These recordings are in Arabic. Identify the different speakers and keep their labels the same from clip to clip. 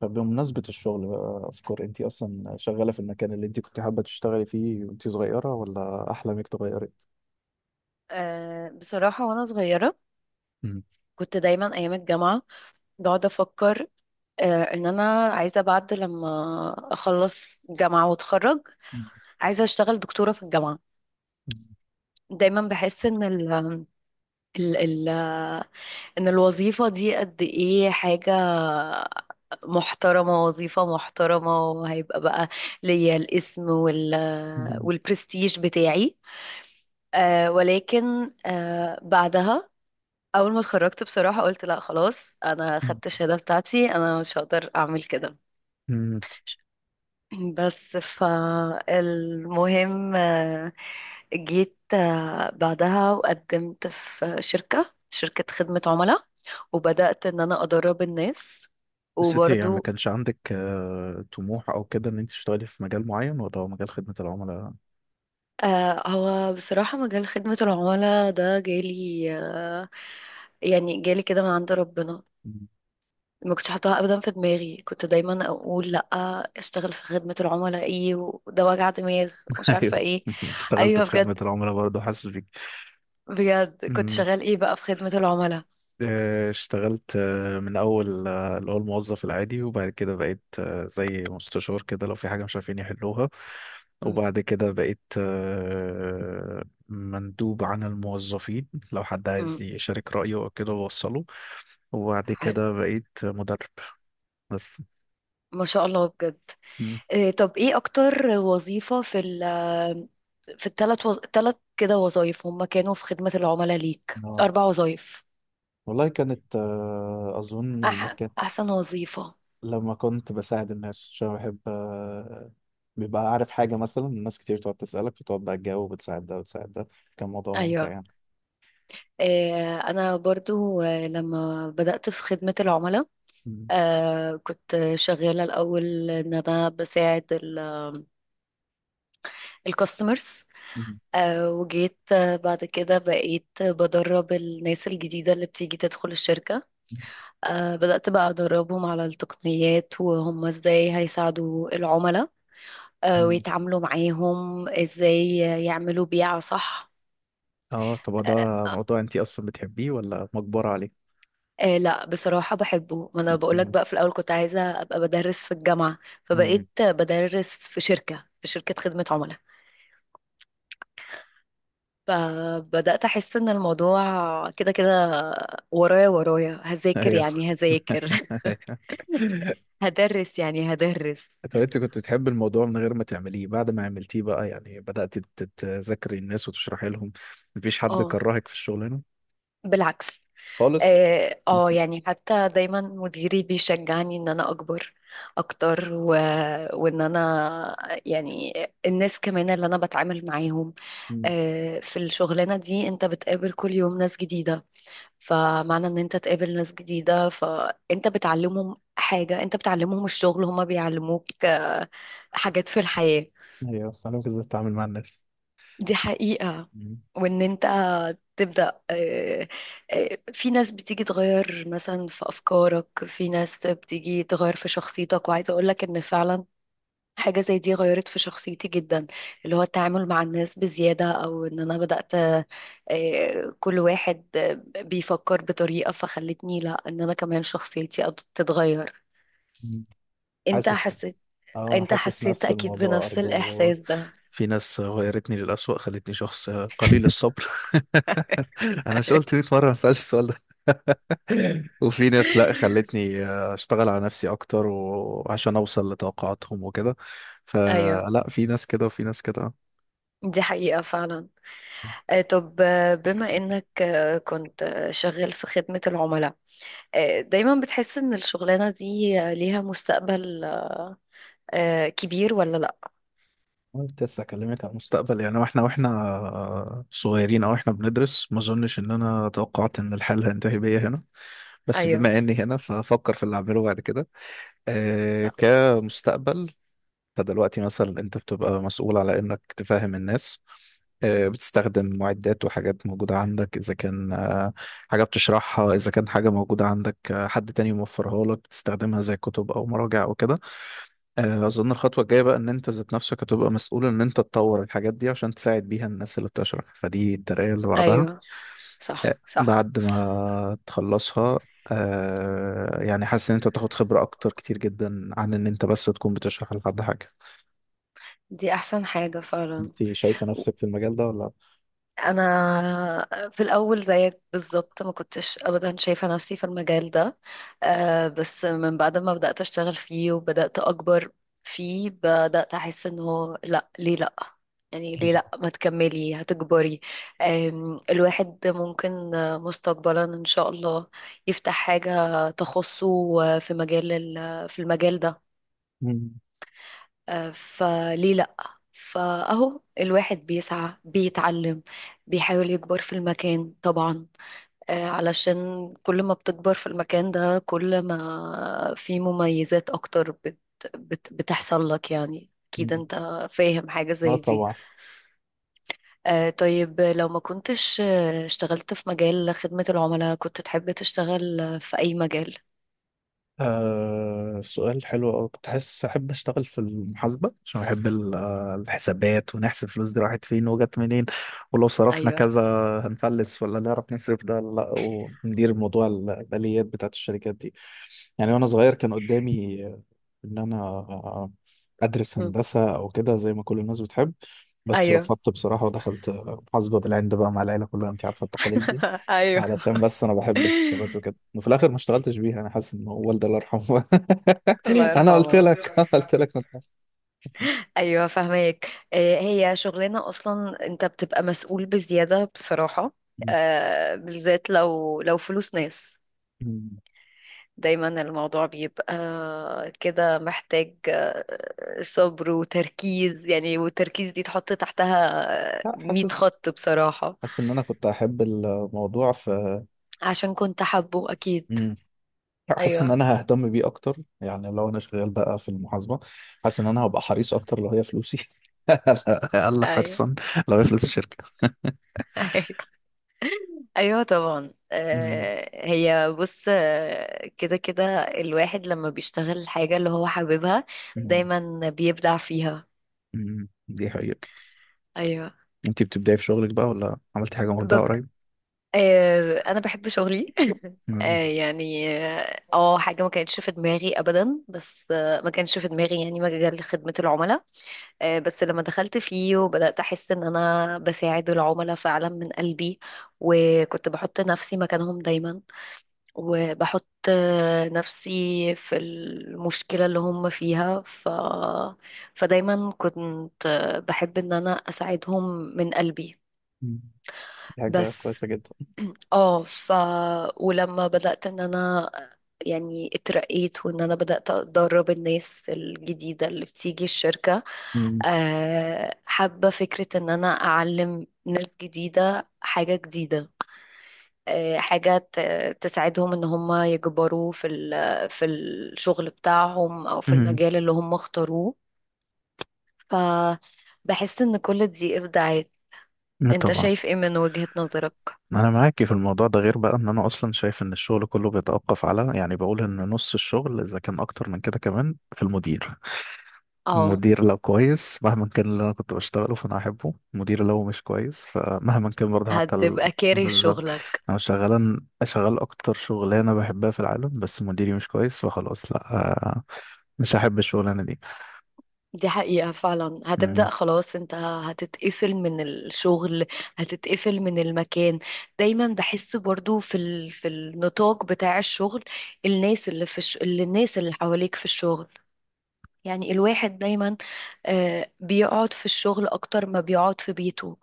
Speaker 1: فبمناسبة الشغل بقى أفكار أنت أصلا شغالة في المكان اللي أنت كنت حابة تشتغلي فيه وأنت صغيرة ولا أحلامك اتغيرت؟
Speaker 2: بصراحة وأنا صغيرة كنت دايما أيام الجامعة بقعد أفكر، إن أنا عايزة بعد لما أخلص جامعة وأتخرج، عايزة أشتغل دكتورة في الجامعة. دايما بحس إن ال ال ال إن الوظيفة دي قد إيه حاجة محترمة، وظيفة محترمة وهيبقى بقى ليا الاسم والبرستيج بتاعي. ولكن بعدها اول ما اتخرجت بصراحة قلت لا خلاص، انا خدت الشهادة بتاعتي انا مش هقدر اعمل كده.
Speaker 1: مم.
Speaker 2: بس فالمهم، جيت بعدها وقدمت في شركة خدمة عملاء، وبدأت ان انا ادرب الناس
Speaker 1: بس أنت يعني ما
Speaker 2: وبرضو.
Speaker 1: كانش عندك طموح أو كده إن أنت تشتغلي في مجال معين ولا هو مجال خدمة العملاء؟
Speaker 2: هو بصراحة مجال خدمة العملاء ده جالي، يعني جالي كده من عند ربنا.
Speaker 1: مم.
Speaker 2: ما كنتش حاطاها ابدا في دماغي، كنت دايما اقول لا اشتغل في خدمة العملاء ايه وده وجع دماغ ومش عارفة
Speaker 1: أيوه
Speaker 2: ايه.
Speaker 1: اشتغلت
Speaker 2: ايوه
Speaker 1: في خدمة
Speaker 2: بجد،
Speaker 1: العملاء برضه حاسس بيك.
Speaker 2: بجد كنت شغال ايه بقى في خدمة العملاء.
Speaker 1: اشتغلت من اول اللي هو الموظف العادي وبعد كده بقيت زي مستشار كده لو في حاجه مش عارفين يحلوها.
Speaker 2: م-
Speaker 1: وبعد كده بقيت، مندوب عن الموظفين لو حد
Speaker 2: م.
Speaker 1: عايز يشارك رايه او كده بوصله. وبعد
Speaker 2: حلو،
Speaker 1: كده بقيت مدرب بس.
Speaker 2: ما شاء الله بجد.
Speaker 1: مم.
Speaker 2: إيه طب ايه اكتر وظيفة في في ثلاث كده وظايف هم كانوا في خدمة العملاء ليك،
Speaker 1: آه.
Speaker 2: اربع وظايف.
Speaker 1: والله كانت، اظن المكان
Speaker 2: احسن وظيفة.
Speaker 1: لما كنت بساعد الناس عشان أنا بحب، بيبقى عارف حاجة مثلا الناس كتير تقعد تسألك فتقعد بقى تجاوب وتساعد ده وتساعد ده، كان موضوع ممتع
Speaker 2: ايوه.
Speaker 1: يعني.
Speaker 2: إيه انا برضو، لما بدأت في خدمة العملاء
Speaker 1: مم.
Speaker 2: كنت شغالة الأول إن أنا بساعد الكاستمرز،
Speaker 1: مم.
Speaker 2: وجيت بعد كده بقيت بدرب الناس الجديدة اللي بتيجي تدخل الشركة. بدأت بقى أدربهم على التقنيات وهم إزاي هيساعدوا العملاء
Speaker 1: مم.
Speaker 2: ويتعاملوا معاهم إزاي، يعملوا بيعة صح.
Speaker 1: اه طب هو ده
Speaker 2: آه
Speaker 1: موضوع انت اصلا بتحبيه ولا مجبرة عليه؟
Speaker 2: آه لا بصراحة بحبه، ما أنا بقولك
Speaker 1: مم.
Speaker 2: بقى في الأول كنت عايزة أبقى بدرس في الجامعة،
Speaker 1: مم.
Speaker 2: فبقيت بدرس في شركة خدمة عملاء. فبدأت أحس إن الموضوع كده كده، ورايا ورايا هذاكر
Speaker 1: ايوه.
Speaker 2: يعني هذاكر هدرس يعني هدرس.
Speaker 1: طب انت كنت بتحب الموضوع من غير ما تعمليه، بعد ما عملتيه بقى يعني بدأت تذاكري الناس وتشرحي لهم، مفيش حد
Speaker 2: اه
Speaker 1: كرهك في الشغلانة
Speaker 2: بالعكس.
Speaker 1: خالص؟
Speaker 2: اه، يعني حتى دايما مديري بيشجعني ان انا اكبر اكتر وان انا يعني الناس كمان اللي انا بتعامل معاهم.
Speaker 1: مم.
Speaker 2: في الشغلانة دي انت بتقابل كل يوم ناس جديدة، فمعنى ان انت تقابل ناس جديدة فانت بتعلمهم حاجة، انت بتعلمهم الشغل، هما بيعلموك حاجات في الحياة.
Speaker 1: أيوه، أنا كنت ازاي أتعامل مع الناس.
Speaker 2: دي حقيقة. وان انت تبدأ، في ناس بتيجي تغير مثلا في افكارك، في ناس بتيجي تغير في شخصيتك، وعايزة اقولك ان فعلا حاجة زي دي غيرت في شخصيتي جدا، اللي هو التعامل مع الناس بزيادة. أو إن أنا بدأت، كل واحد بيفكر بطريقة فخلتني لا، إن أنا كمان شخصيتي تتغير.
Speaker 1: مم.
Speaker 2: أنت
Speaker 1: حاسس. اه
Speaker 2: حسيت
Speaker 1: انا
Speaker 2: أنت
Speaker 1: حاسس
Speaker 2: حسيت
Speaker 1: نفس
Speaker 2: أكيد
Speaker 1: الموضوع
Speaker 2: بنفس
Speaker 1: برضه.
Speaker 2: الإحساس ده.
Speaker 1: في ناس غيرتني للأسوأ، خلتني شخص قليل الصبر. انا مش قلت 100 مرة ما اسألش السؤال ده؟ وفي ناس لا، خلتني اشتغل على نفسي اكتر وعشان اوصل لتوقعاتهم وكده.
Speaker 2: أيوه،
Speaker 1: فلا، في ناس كده وفي ناس كده.
Speaker 2: دي حقيقة فعلا. طب بما إنك كنت شغال في خدمة العملاء، دايما بتحس إن الشغلانة دي ليها مستقبل كبير ولا لأ؟
Speaker 1: أنا كنت لسه اكلمك عن المستقبل يعني، واحنا صغيرين او احنا بندرس، ما اظنش ان انا توقعت ان الحال هينتهي بيا هنا. بس
Speaker 2: أيوه.
Speaker 1: بما اني هنا فافكر في اللي اعمله بعد كده، كمستقبل. فدلوقتي مثلا انت بتبقى مسؤول على انك تفهم الناس، بتستخدم معدات وحاجات موجودة عندك، إذا كان حاجة بتشرحها، إذا كان حاجة موجودة عندك، حد تاني موفرها لك بتستخدمها زي كتب أو مراجع أو كده. أظن الخطوة الجاية بقى إن أنت ذات نفسك هتبقى مسؤول إن أنت تطور الحاجات دي عشان تساعد بيها الناس اللي بتشرح، فدي الترقية اللي بعدها
Speaker 2: ايوه صح صح.
Speaker 1: بعد ما تخلصها. آه يعني حاسس ان انت بتاخد خبرة اكتر كتير جدا عن ان انت بس تكون بتشرح لحد حاجة.
Speaker 2: دي احسن حاجة فعلا.
Speaker 1: انت شايفة نفسك في المجال ده ولا؟
Speaker 2: انا في الاول زيك بالظبط ما كنتش ابدا شايفة نفسي في المجال ده، بس من بعد ما بدأت اشتغل فيه وبدأت اكبر فيه بدأت احس انه لا، ليه لا، يعني ليه لا ما تكملي، هتكبري. آم، الواحد ممكن مستقبلا ان شاء الله يفتح حاجة تخصه، في مجال في المجال ده،
Speaker 1: مم.
Speaker 2: فليه لأ. فأهو الواحد بيسعى، بيتعلم، بيحاول يكبر في المكان طبعا، علشان كل ما بتكبر في المكان ده كل ما في مميزات أكتر بت بت بتحصل لك، يعني أكيد
Speaker 1: مم.
Speaker 2: أنت فاهم حاجة
Speaker 1: اه
Speaker 2: زي دي.
Speaker 1: طبعا.
Speaker 2: طيب لو ما كنتش اشتغلت في مجال خدمة العملاء كنت تحب تشتغل في أي مجال؟
Speaker 1: آه سؤال حلو أوي. كنت حاسس أحب أشتغل في المحاسبة عشان بحب الحسابات، ونحسب الفلوس دي راحت فين وجت منين، ولو صرفنا
Speaker 2: أيوه.
Speaker 1: كذا هنفلس ولا نعرف نصرف ده ولا لأ، وندير موضوع الآليات بتاعت الشركات دي. يعني وأنا صغير كان قدامي إن أنا أدرس
Speaker 2: م.
Speaker 1: هندسة أو كده زي ما كل الناس بتحب، بس
Speaker 2: أيوه.
Speaker 1: رفضت بصراحة ودخلت محاسبة بالعند بقى مع العيلة كلها، أنت عارفة التقاليد دي،
Speaker 2: أيوه.
Speaker 1: علشان بس انا بحب الحسابات وكده. وفي الاخر ما اشتغلتش بيها. انا حاسس ان هو والدي الله يرحمه.
Speaker 2: الله
Speaker 1: انا قلت
Speaker 2: يرحمه.
Speaker 1: لك انا قلت لك ما تخافش.
Speaker 2: ايوه فاهمك، هي شغلانه اصلا انت بتبقى مسؤول بزياده بصراحه، بالذات لو فلوس ناس.
Speaker 1: مم.
Speaker 2: دايما الموضوع بيبقى كده، محتاج صبر وتركيز يعني، والتركيز دي تحط تحتها
Speaker 1: لا
Speaker 2: 100
Speaker 1: حاسس.
Speaker 2: خط بصراحه.
Speaker 1: حاسس ان انا كنت احب الموضوع في.
Speaker 2: عشان كنت حابه اكيد.
Speaker 1: مم. لا، حاسس ان
Speaker 2: ايوه.
Speaker 1: انا ههتم بيه اكتر يعني لو انا شغال بقى في المحاسبه. حاسس ان انا هبقى حريص اكتر لو هي فلوسي. اقل
Speaker 2: ايوه.
Speaker 1: حرصا لو هي فلوس الشركه.
Speaker 2: ايوه طبعا،
Speaker 1: مم.
Speaker 2: هي بص كده كده الواحد لما بيشتغل الحاجة اللي هو حاببها
Speaker 1: مم.
Speaker 2: دايما بيبدع فيها.
Speaker 1: مم. دي حقيقه.
Speaker 2: ايوه.
Speaker 1: انت بتبداي في شغلك بقى ولا عملتي حاجه مبدعه
Speaker 2: بب...
Speaker 1: قريب؟
Speaker 2: انا بحب شغلي.
Speaker 1: مم.
Speaker 2: يعني اه، حاجة ما كانتش في دماغي ابدا، بس ما كانش في دماغي يعني مجال خدمة العملاء. بس لما دخلت فيه وبدأت احس ان انا بساعد العملاء فعلا من قلبي، وكنت بحط نفسي مكانهم دايما، وبحط نفسي في المشكلة اللي هم فيها فدايما كنت بحب ان انا اساعدهم من قلبي
Speaker 1: مم. دي حاجه
Speaker 2: بس.
Speaker 1: كويسه جدا.
Speaker 2: اه ولما بدأت ان انا يعني اترقيت، وان انا بدأت ادرب الناس الجديدة اللي بتيجي الشركة،
Speaker 1: مم.
Speaker 2: حابة فكرة ان انا اعلم ناس جديدة حاجة جديدة، حاجات تساعدهم ان هم يكبروا في في الشغل بتاعهم او في
Speaker 1: مم.
Speaker 2: المجال اللي هم اختاروه. فبحس ان كل دي ابداعات.
Speaker 1: لا
Speaker 2: انت
Speaker 1: طبعا.
Speaker 2: شايف ايه من وجهة نظرك؟
Speaker 1: انا معاكي في الموضوع ده، غير بقى ان انا اصلا شايف ان الشغل كله بيتوقف على يعني بقول ان نص الشغل اذا كان اكتر من كده كمان في المدير.
Speaker 2: اه
Speaker 1: المدير لو كويس مهما كان اللي انا كنت بشتغله فانا احبه، المدير لو مش كويس فمهما كان برضه حتى ال...
Speaker 2: هتبقى كاره
Speaker 1: بالظبط.
Speaker 2: شغلك.
Speaker 1: انا شغال شغال اكتر شغلانه بحبها في العالم بس مديري مش كويس فخلاص لا، آه، مش هحب الشغلانه دي.
Speaker 2: دي حقيقة فعلا،
Speaker 1: مم.
Speaker 2: هتبدأ خلاص انت هتتقفل من الشغل، هتتقفل من المكان. دايما بحس برضو في في النطاق بتاع الشغل، الناس اللي في الناس اللي حواليك في الشغل، يعني الواحد دايما بيقعد في الشغل اكتر ما بيقعد في بيته.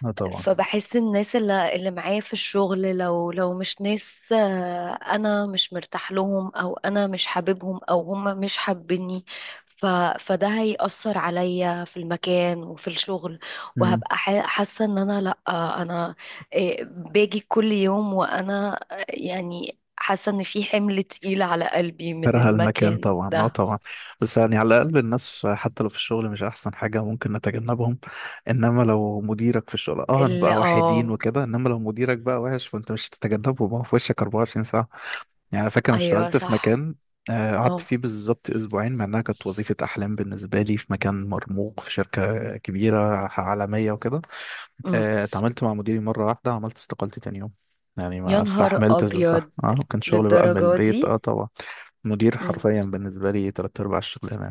Speaker 1: لا طبعا.
Speaker 2: فبحس الناس اللي معايا في الشغل لو مش ناس، انا مش مرتاح لهم او انا مش حاببهم او هم مش حابيني، ف فده هيأثر عليا في المكان وفي الشغل، وهبقى حاسة ان انا لا، انا باجي كل يوم وانا يعني حاسة ان في حمل تقيل على قلبي من
Speaker 1: كره المكان
Speaker 2: المكان
Speaker 1: طبعا، اه
Speaker 2: ده.
Speaker 1: طبعا. بس يعني على الاقل الناس حتى لو في الشغل مش احسن حاجه ممكن نتجنبهم، انما لو مديرك في الشغل اه
Speaker 2: اللي
Speaker 1: نبقى واحدين
Speaker 2: اه
Speaker 1: وكده، انما لو مديرك بقى وحش فانت مش هتتجنبه، ما هو في وشك 24 ساعه يعني. أنا فاكر انا
Speaker 2: ايوه
Speaker 1: اشتغلت في
Speaker 2: صح.
Speaker 1: مكان، قعدت فيه
Speaker 2: اه،
Speaker 1: بالظبط 2 اسبوع مع انها كانت وظيفه احلام بالنسبه لي، في مكان مرموق في شركه كبيره عالميه وكده.
Speaker 2: أمم.
Speaker 1: اتعاملت مع مديري مره واحده عملت استقالتي تاني يوم، يعني
Speaker 2: يا
Speaker 1: ما
Speaker 2: نهار
Speaker 1: استحملتش. بصح
Speaker 2: ابيض،
Speaker 1: اه كان شغل بقى من
Speaker 2: للدرجه
Speaker 1: البيت
Speaker 2: دي؟
Speaker 1: اه طبعا. مدير
Speaker 2: أمم.
Speaker 1: حرفيا بالنسبة لي 3/4 الشغلانة.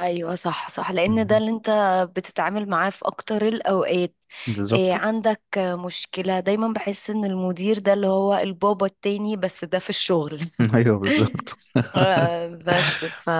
Speaker 2: ايوه صح صح، لان ده
Speaker 1: مهم.
Speaker 2: اللي انت بتتعامل معاه في اكتر الاوقات. إيه
Speaker 1: بالظبط.
Speaker 2: عندك مشكله؟ دايما بحس ان المدير ده اللي هو البابا التاني، بس ده في الشغل.
Speaker 1: أيوه بالظبط.
Speaker 2: بس ف